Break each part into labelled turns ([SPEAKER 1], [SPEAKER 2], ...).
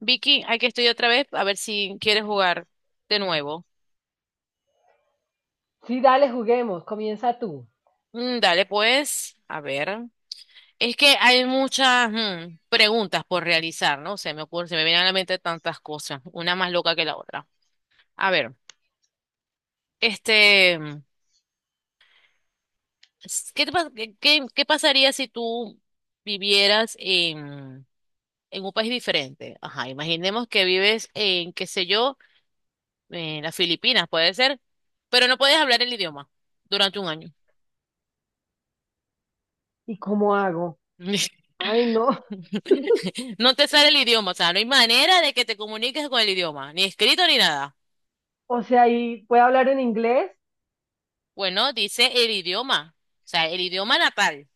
[SPEAKER 1] Vicky, hay que estudiar otra vez a ver si quieres jugar de nuevo.
[SPEAKER 2] Sí, dale, juguemos, comienza tú.
[SPEAKER 1] Dale, pues, a ver. Es que hay muchas preguntas por realizar, ¿no? Se me ocurre, se me vienen a la mente tantas cosas, una más loca que la otra. A ver, este, mm, ¿qué te qué pasaría si tú vivieras en un país diferente? Ajá, imaginemos que vives en, qué sé yo, en las Filipinas, puede ser, pero no puedes hablar el idioma durante un año.
[SPEAKER 2] ¿Y cómo hago? Ay, no.
[SPEAKER 1] No te sale el idioma, o sea, no hay manera de que te comuniques con el idioma, ni escrito ni nada.
[SPEAKER 2] O sea, ¿y puedo hablar en inglés?
[SPEAKER 1] Bueno, dice el idioma, o sea, el idioma natal.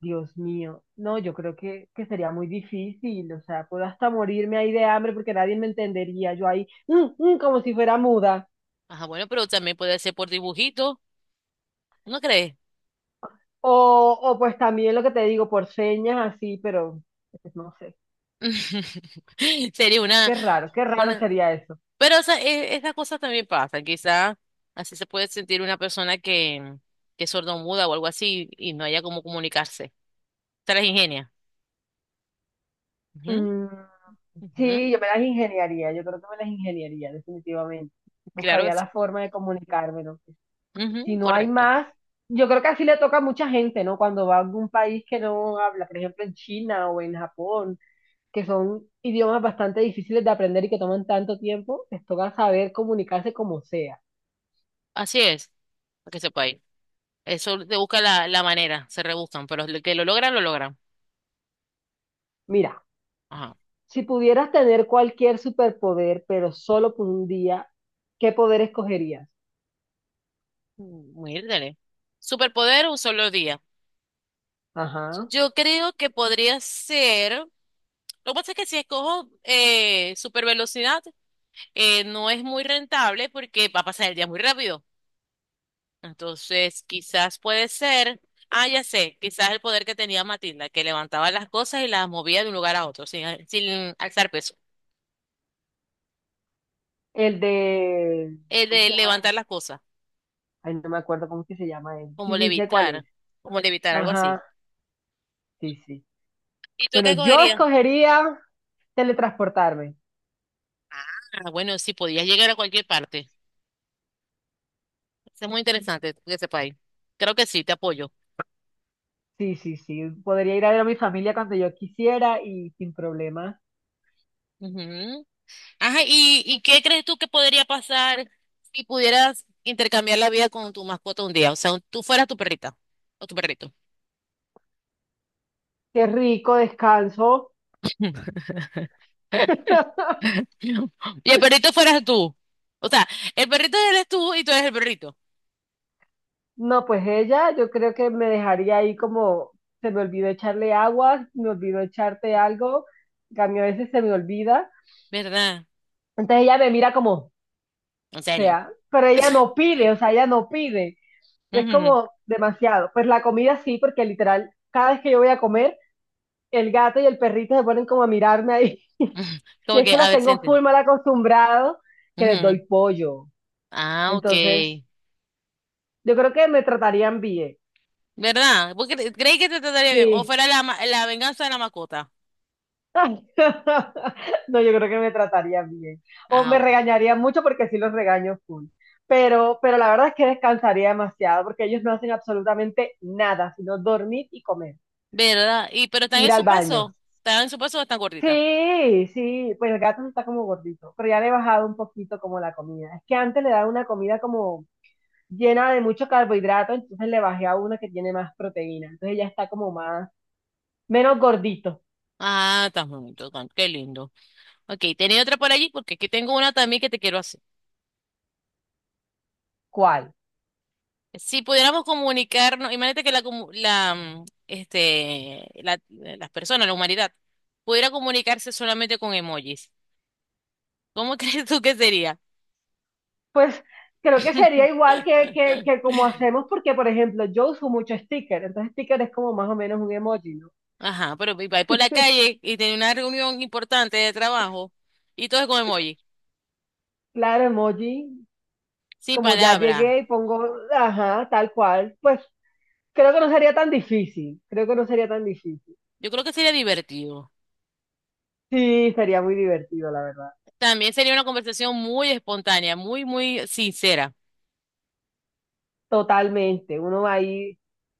[SPEAKER 2] Dios mío. No, yo creo que sería muy difícil. O sea, puedo hasta morirme ahí de hambre porque nadie me entendería. Yo ahí, como si fuera muda.
[SPEAKER 1] Ajá, bueno, pero también puede ser por dibujito, ¿no crees?
[SPEAKER 2] O pues también lo que te digo, por señas así, pero pues, no sé.
[SPEAKER 1] Sería
[SPEAKER 2] Qué raro
[SPEAKER 1] una,
[SPEAKER 2] sería eso.
[SPEAKER 1] pero esa, esas cosas también pasan, quizás así se puede sentir una persona que es sordomuda o algo así y no haya cómo comunicarse. Se las ingenia. Ujú,
[SPEAKER 2] Mm,
[SPEAKER 1] ujú,
[SPEAKER 2] sí, yo me las ingeniaría. Yo creo que me las ingeniaría, definitivamente.
[SPEAKER 1] claro que
[SPEAKER 2] Buscaría
[SPEAKER 1] sí.
[SPEAKER 2] la forma de comunicarme, ¿no? Si
[SPEAKER 1] Ujú,
[SPEAKER 2] no hay
[SPEAKER 1] correcto.
[SPEAKER 2] más, yo creo que así le toca a mucha gente, ¿no? Cuando va a algún país que no habla, por ejemplo en China o en Japón, que son idiomas bastante difíciles de aprender y que toman tanto tiempo, les toca saber comunicarse como sea.
[SPEAKER 1] Así es, para que sepa. Eso te busca la, la manera, se rebuscan, pero lo que lo logran, lo logran.
[SPEAKER 2] Mira,
[SPEAKER 1] Ajá.
[SPEAKER 2] si pudieras tener cualquier superpoder, pero solo por un día, ¿qué poder escogerías?
[SPEAKER 1] Muérdale. Superpoder un solo día.
[SPEAKER 2] Ajá.
[SPEAKER 1] Yo creo que podría ser. Lo que pasa es que si escojo super velocidad, no es muy rentable porque va a pasar el día muy rápido. Entonces, quizás puede ser. Ah, ya sé, quizás el poder que tenía Matilda, que levantaba las cosas y las movía de un lugar a otro, sin alzar peso.
[SPEAKER 2] El de,
[SPEAKER 1] El
[SPEAKER 2] ¿cómo
[SPEAKER 1] de
[SPEAKER 2] se llama
[SPEAKER 1] levantar
[SPEAKER 2] ese?
[SPEAKER 1] las cosas,
[SPEAKER 2] Ay, no me acuerdo cómo es que se llama él. Sí,
[SPEAKER 1] como
[SPEAKER 2] sí, sé cuál
[SPEAKER 1] levitar,
[SPEAKER 2] es.
[SPEAKER 1] como levitar, algo así.
[SPEAKER 2] Ajá, sí, sí.
[SPEAKER 1] ¿Y tú
[SPEAKER 2] Bueno,
[SPEAKER 1] qué
[SPEAKER 2] yo
[SPEAKER 1] cogerías?
[SPEAKER 2] escogería teletransportarme.
[SPEAKER 1] Ah, bueno, sí, podías llegar a cualquier parte. Eso es muy interesante que sepáis. Creo que sí, te apoyo.
[SPEAKER 2] Sí, sí, sí. Podría ir a ver a mi familia cuando yo quisiera y sin problemas.
[SPEAKER 1] Ujú. Ajá, y qué crees tú que podría pasar si pudieras intercambiar la vida con tu mascota un día? O sea, tú fueras tu perrita o tu perrito.
[SPEAKER 2] Qué rico descanso.
[SPEAKER 1] Y el perrito fueras tú. O sea, el perrito eres tú y tú eres el perrito.
[SPEAKER 2] No, pues ella, yo creo que me dejaría ahí como se me olvidó echarle agua, me olvidó echarte algo, que a mí a veces se me olvida.
[SPEAKER 1] ¿Verdad?
[SPEAKER 2] Entonces ella me mira como, o
[SPEAKER 1] En serio.
[SPEAKER 2] sea, pero ella no pide, o sea, ella no pide. Es
[SPEAKER 1] Ujú.
[SPEAKER 2] como demasiado. Pues la comida sí, porque literal, cada vez que yo voy a comer, el gato y el perrito se ponen como a mirarme ahí. Y
[SPEAKER 1] Como
[SPEAKER 2] es
[SPEAKER 1] que,
[SPEAKER 2] que
[SPEAKER 1] a
[SPEAKER 2] los
[SPEAKER 1] ver,
[SPEAKER 2] tengo full
[SPEAKER 1] sienten.
[SPEAKER 2] mal acostumbrados que les
[SPEAKER 1] Ujú.
[SPEAKER 2] doy pollo.
[SPEAKER 1] Ah, ok.
[SPEAKER 2] Entonces, yo creo que me tratarían bien.
[SPEAKER 1] ¿Verdad? Porque creí que te trataría bien. O
[SPEAKER 2] Sí.
[SPEAKER 1] fuera la venganza de la mascota.
[SPEAKER 2] No, yo creo que me tratarían bien. O
[SPEAKER 1] Ah,
[SPEAKER 2] me
[SPEAKER 1] bueno.
[SPEAKER 2] regañarían mucho porque sí los regaño full. Pero la verdad es que descansaría demasiado porque ellos no hacen absolutamente nada, sino dormir y comer,
[SPEAKER 1] ¿Verdad? Y pero están
[SPEAKER 2] ir
[SPEAKER 1] en
[SPEAKER 2] al
[SPEAKER 1] su
[SPEAKER 2] baño.
[SPEAKER 1] peso. ¿Están en su peso o están gorditas?
[SPEAKER 2] Sí, sí, pues el gato sí está como gordito, pero ya le he bajado un poquito como la comida. Es que antes le daba una comida como llena de mucho carbohidrato, entonces le bajé a una que tiene más proteína. Entonces ya está como más, menos gordito.
[SPEAKER 1] Ah, están bonito, están... qué lindo. Ok, tenía otra por allí porque aquí tengo una también que te quiero hacer.
[SPEAKER 2] ¿Cuál?
[SPEAKER 1] Si pudiéramos comunicarnos, imagínate que la, comu- la mm, este la, las personas, la humanidad, pudiera comunicarse solamente con emojis. ¿Cómo crees tú que sería?
[SPEAKER 2] Pues creo que sería igual que como hacemos, porque por ejemplo, yo uso mucho sticker, entonces sticker es como más o menos un emoji, ¿no?
[SPEAKER 1] Ajá, pero y va por la calle y tiene una reunión importante de trabajo y todo es con emoji,
[SPEAKER 2] Claro, emoji,
[SPEAKER 1] sin
[SPEAKER 2] como ya
[SPEAKER 1] palabra.
[SPEAKER 2] llegué y pongo, ajá, tal cual, pues creo que no sería tan difícil, creo que no sería tan difícil.
[SPEAKER 1] Yo creo que sería divertido.
[SPEAKER 2] Sí, sería muy divertido, la verdad.
[SPEAKER 1] También sería una conversación muy espontánea, muy sincera.
[SPEAKER 2] Totalmente, uno va ahí,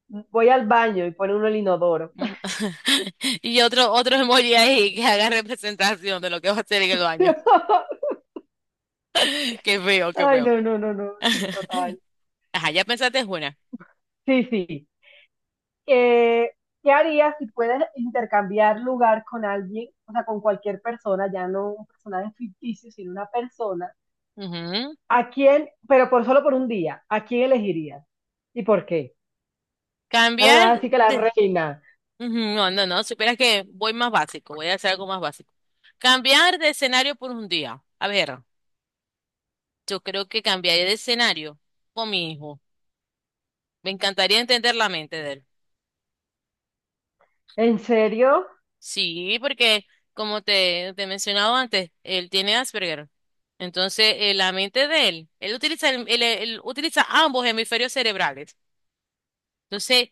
[SPEAKER 2] voy al baño y pone uno el inodoro.
[SPEAKER 1] Ujú. Y otro, otro emoji ahí que haga representación de lo que va a hacer en el baño. Qué feo, qué
[SPEAKER 2] Ay,
[SPEAKER 1] feo.
[SPEAKER 2] no, no, no, no, sí, total.
[SPEAKER 1] Ajá, ya pensaste es una.
[SPEAKER 2] Sí, sí. Eh, ¿Qué harías si puedes intercambiar lugar con alguien, o sea, con cualquier persona, ya no un personaje ficticio, sino una persona?
[SPEAKER 1] Ujú.
[SPEAKER 2] ¿A quién, pero por solo por un día, a quién elegirías? ¿Y por qué?
[SPEAKER 1] Cambiar
[SPEAKER 2] Ah, así que la
[SPEAKER 1] de...
[SPEAKER 2] reina.
[SPEAKER 1] Ujú. No, no, no, supieras que voy más básico, voy a hacer algo más básico. Cambiar de escenario por un día. A ver. Yo creo que cambiaría de escenario con mi hijo. Me encantaría entender la mente de él.
[SPEAKER 2] ¿En serio?
[SPEAKER 1] Sí, porque como te he mencionado antes, él tiene Asperger. Entonces, la mente de él, él utiliza, él utiliza ambos hemisferios cerebrales. Entonces,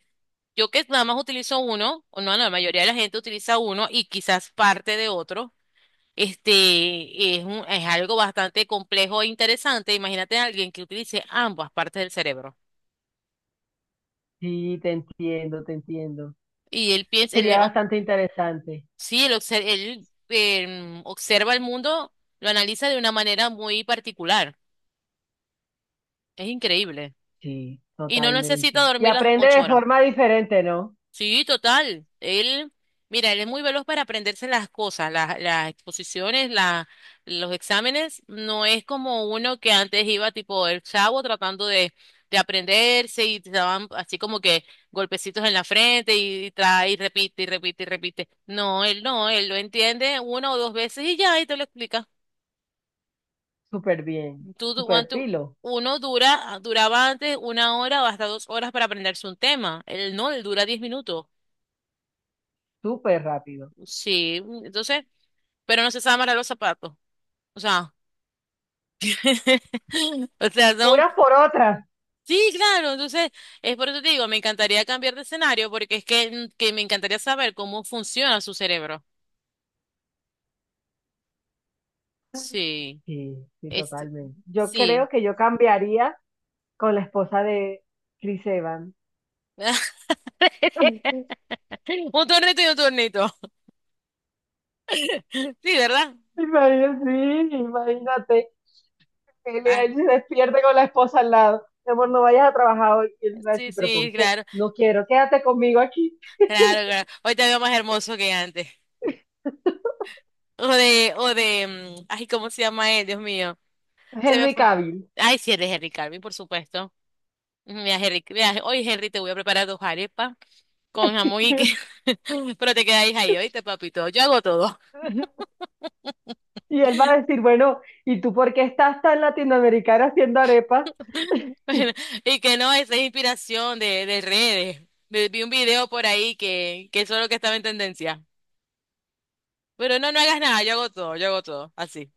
[SPEAKER 1] yo que nada más utilizo uno, o no, no, la mayoría de la gente utiliza uno y quizás parte de otro. Este es es algo bastante complejo e interesante. Imagínate a alguien que utilice ambas partes del cerebro.
[SPEAKER 2] Sí, te entiendo, te entiendo.
[SPEAKER 1] Y él piensa,
[SPEAKER 2] Sería bastante interesante.
[SPEAKER 1] sí, él, observa el mundo, lo analiza de una manera muy particular. Es increíble.
[SPEAKER 2] Sí,
[SPEAKER 1] Y no
[SPEAKER 2] totalmente.
[SPEAKER 1] necesita
[SPEAKER 2] Y
[SPEAKER 1] dormir las
[SPEAKER 2] aprende
[SPEAKER 1] ocho
[SPEAKER 2] de
[SPEAKER 1] horas.
[SPEAKER 2] forma diferente, ¿no?
[SPEAKER 1] Sí, total. Él, mira, él es muy veloz para aprenderse las cosas, las exposiciones, los exámenes. No es como uno que antes iba tipo el chavo tratando de aprenderse y te daban así como que golpecitos en la frente y trae y repite y repite y repite. No, él no, él lo entiende una o dos veces y ya, y te lo explica.
[SPEAKER 2] Súper bien,
[SPEAKER 1] Tú, tú- cuan-
[SPEAKER 2] súper
[SPEAKER 1] tú-
[SPEAKER 2] pilo,
[SPEAKER 1] Uno dura, duraba antes una hora o hasta dos horas para aprenderse un tema. Él no, él dura 10 minutos.
[SPEAKER 2] súper rápido.
[SPEAKER 1] Sí, entonces, pero no se sabe amarrar los zapatos. O sea, o sea, no.
[SPEAKER 2] Unas por otras.
[SPEAKER 1] Sí, claro, entonces, es por eso te digo, me encantaría cambiar de escenario porque es que me encantaría saber cómo funciona su cerebro. Sí,
[SPEAKER 2] Sí, sí,
[SPEAKER 1] este,
[SPEAKER 2] totalmente. Yo
[SPEAKER 1] sí.
[SPEAKER 2] creo que yo cambiaría con la esposa de Chris Evans.
[SPEAKER 1] Un tornito y un tornito. Sí, ¿verdad?
[SPEAKER 2] Imagínate, sí, imagínate. Que
[SPEAKER 1] Ah,
[SPEAKER 2] él se despierte con la esposa al lado. Mi amor, no vayas a trabajar hoy. Y él va a
[SPEAKER 1] sí,
[SPEAKER 2] decir, ¿pero
[SPEAKER 1] sí,
[SPEAKER 2] por qué?
[SPEAKER 1] claro.
[SPEAKER 2] No quiero, quédate conmigo aquí.
[SPEAKER 1] Claro, claro. Hoy te veo más hermoso que antes. O de, ay, ¿cómo se llama él? Dios mío. Se me
[SPEAKER 2] Henry
[SPEAKER 1] fue.
[SPEAKER 2] Cavill.
[SPEAKER 1] Ay, sí, él es Henry Carvin, por supuesto. Mira, Henry, mira, hoy Henry te voy a preparar dos arepas con jamón y que, pero te quedáis ahí, ¿oíste, papito? Yo hago todo.
[SPEAKER 2] Y él va a decir, bueno, ¿y tú por qué estás tan latinoamericana haciendo arepas?
[SPEAKER 1] Y que no, esa es inspiración de redes. Vi un video por ahí que eso es lo que estaba en tendencia. Pero no, no hagas nada, yo hago todo, así.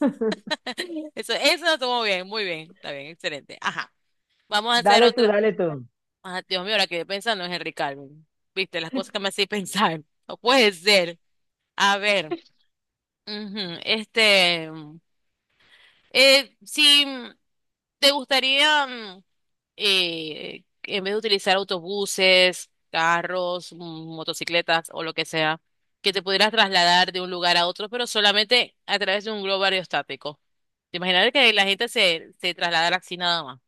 [SPEAKER 1] Eso lo tomo bien, muy bien, está bien, excelente. Ajá. Vamos a hacer
[SPEAKER 2] Dale tú,
[SPEAKER 1] otra.
[SPEAKER 2] dale tú.
[SPEAKER 1] Ah, Dios mío, ahora que pensando es Henry Calvin. Viste, las cosas que me hacéis pensar. No puede ser. A ver, ujú, este, si te gustaría, en vez de utilizar autobuses, carros, motocicletas o lo que sea, que te pudieras trasladar de un lugar a otro, pero solamente a través de un globo aerostático. Te imaginas que la gente se trasladara así nada más.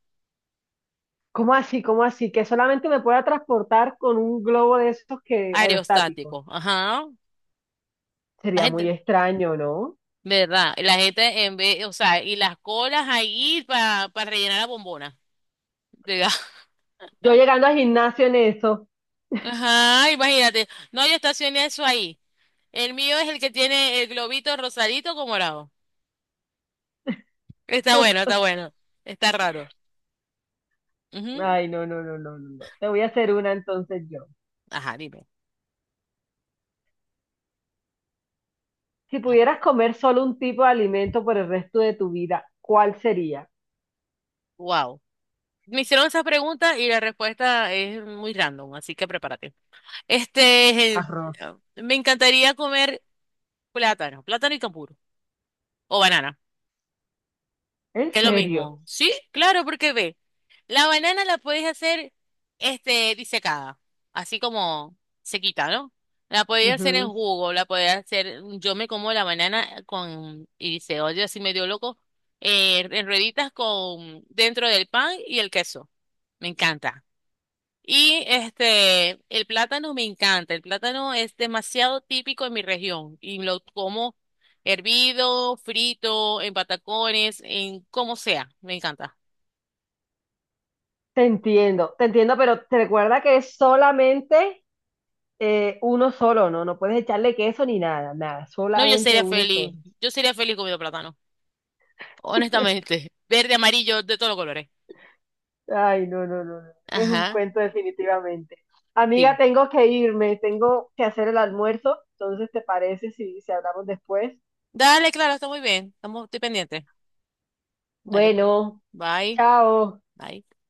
[SPEAKER 2] ¿Cómo así? ¿Cómo así? Que solamente me pueda transportar con un globo de esos que aerostáticos.
[SPEAKER 1] Aerostático, ajá. La
[SPEAKER 2] Sería muy
[SPEAKER 1] gente...
[SPEAKER 2] extraño, ¿no?
[SPEAKER 1] ¿Verdad? La gente en vez, o sea, y las colas ahí para rellenar la bombona. Diga.
[SPEAKER 2] Yo llegando al gimnasio en eso.
[SPEAKER 1] Ajá, imagínate. No, yo estacioné eso ahí. El mío es el que tiene el globito rosadito con morado. Está bueno, está bueno. Está raro. Ujú.
[SPEAKER 2] Ay, no, no, no, no, no. No. Te voy a hacer una entonces yo.
[SPEAKER 1] Ajá, dime.
[SPEAKER 2] Si pudieras comer solo un tipo de alimento por el resto de tu vida, ¿cuál sería?
[SPEAKER 1] Wow. Me hicieron esa pregunta y la respuesta es muy random, así que prepárate. Este, eh,
[SPEAKER 2] Arroz.
[SPEAKER 1] me encantaría comer plátano, plátano y cambur o banana.
[SPEAKER 2] ¿En
[SPEAKER 1] Que es lo
[SPEAKER 2] serio?
[SPEAKER 1] mismo. Sí, claro, porque ve, la banana la podéis hacer disecada, así como sequita, ¿no? La podéis hacer en
[SPEAKER 2] Ujú.
[SPEAKER 1] jugo, la podéis hacer, yo me como la banana con, y dice, oye, así medio loco, en rueditas con, dentro del pan y el queso. Me encanta. Y el plátano me encanta. El plátano es demasiado típico en mi región y lo como hervido, frito, en patacones, en como sea. Me encanta.
[SPEAKER 2] Te entiendo, pero te recuerda que es solamente uno solo, no, no puedes echarle queso ni nada, nada,
[SPEAKER 1] No, yo
[SPEAKER 2] solamente
[SPEAKER 1] sería
[SPEAKER 2] uno solo.
[SPEAKER 1] feliz. Yo sería feliz comiendo plátano. Honestamente. Verde, amarillo, de todos los colores.
[SPEAKER 2] Ay, no, no, no, no, es un
[SPEAKER 1] Ajá.
[SPEAKER 2] cuento definitivamente. Amiga,
[SPEAKER 1] Sí.
[SPEAKER 2] tengo que irme, tengo que hacer el almuerzo, entonces, ¿te parece si, si hablamos después?
[SPEAKER 1] Dale, claro, está muy bien. Estamos, estoy pendiente. Dale, pues.
[SPEAKER 2] Bueno,
[SPEAKER 1] Bye.
[SPEAKER 2] chao.
[SPEAKER 1] Bye.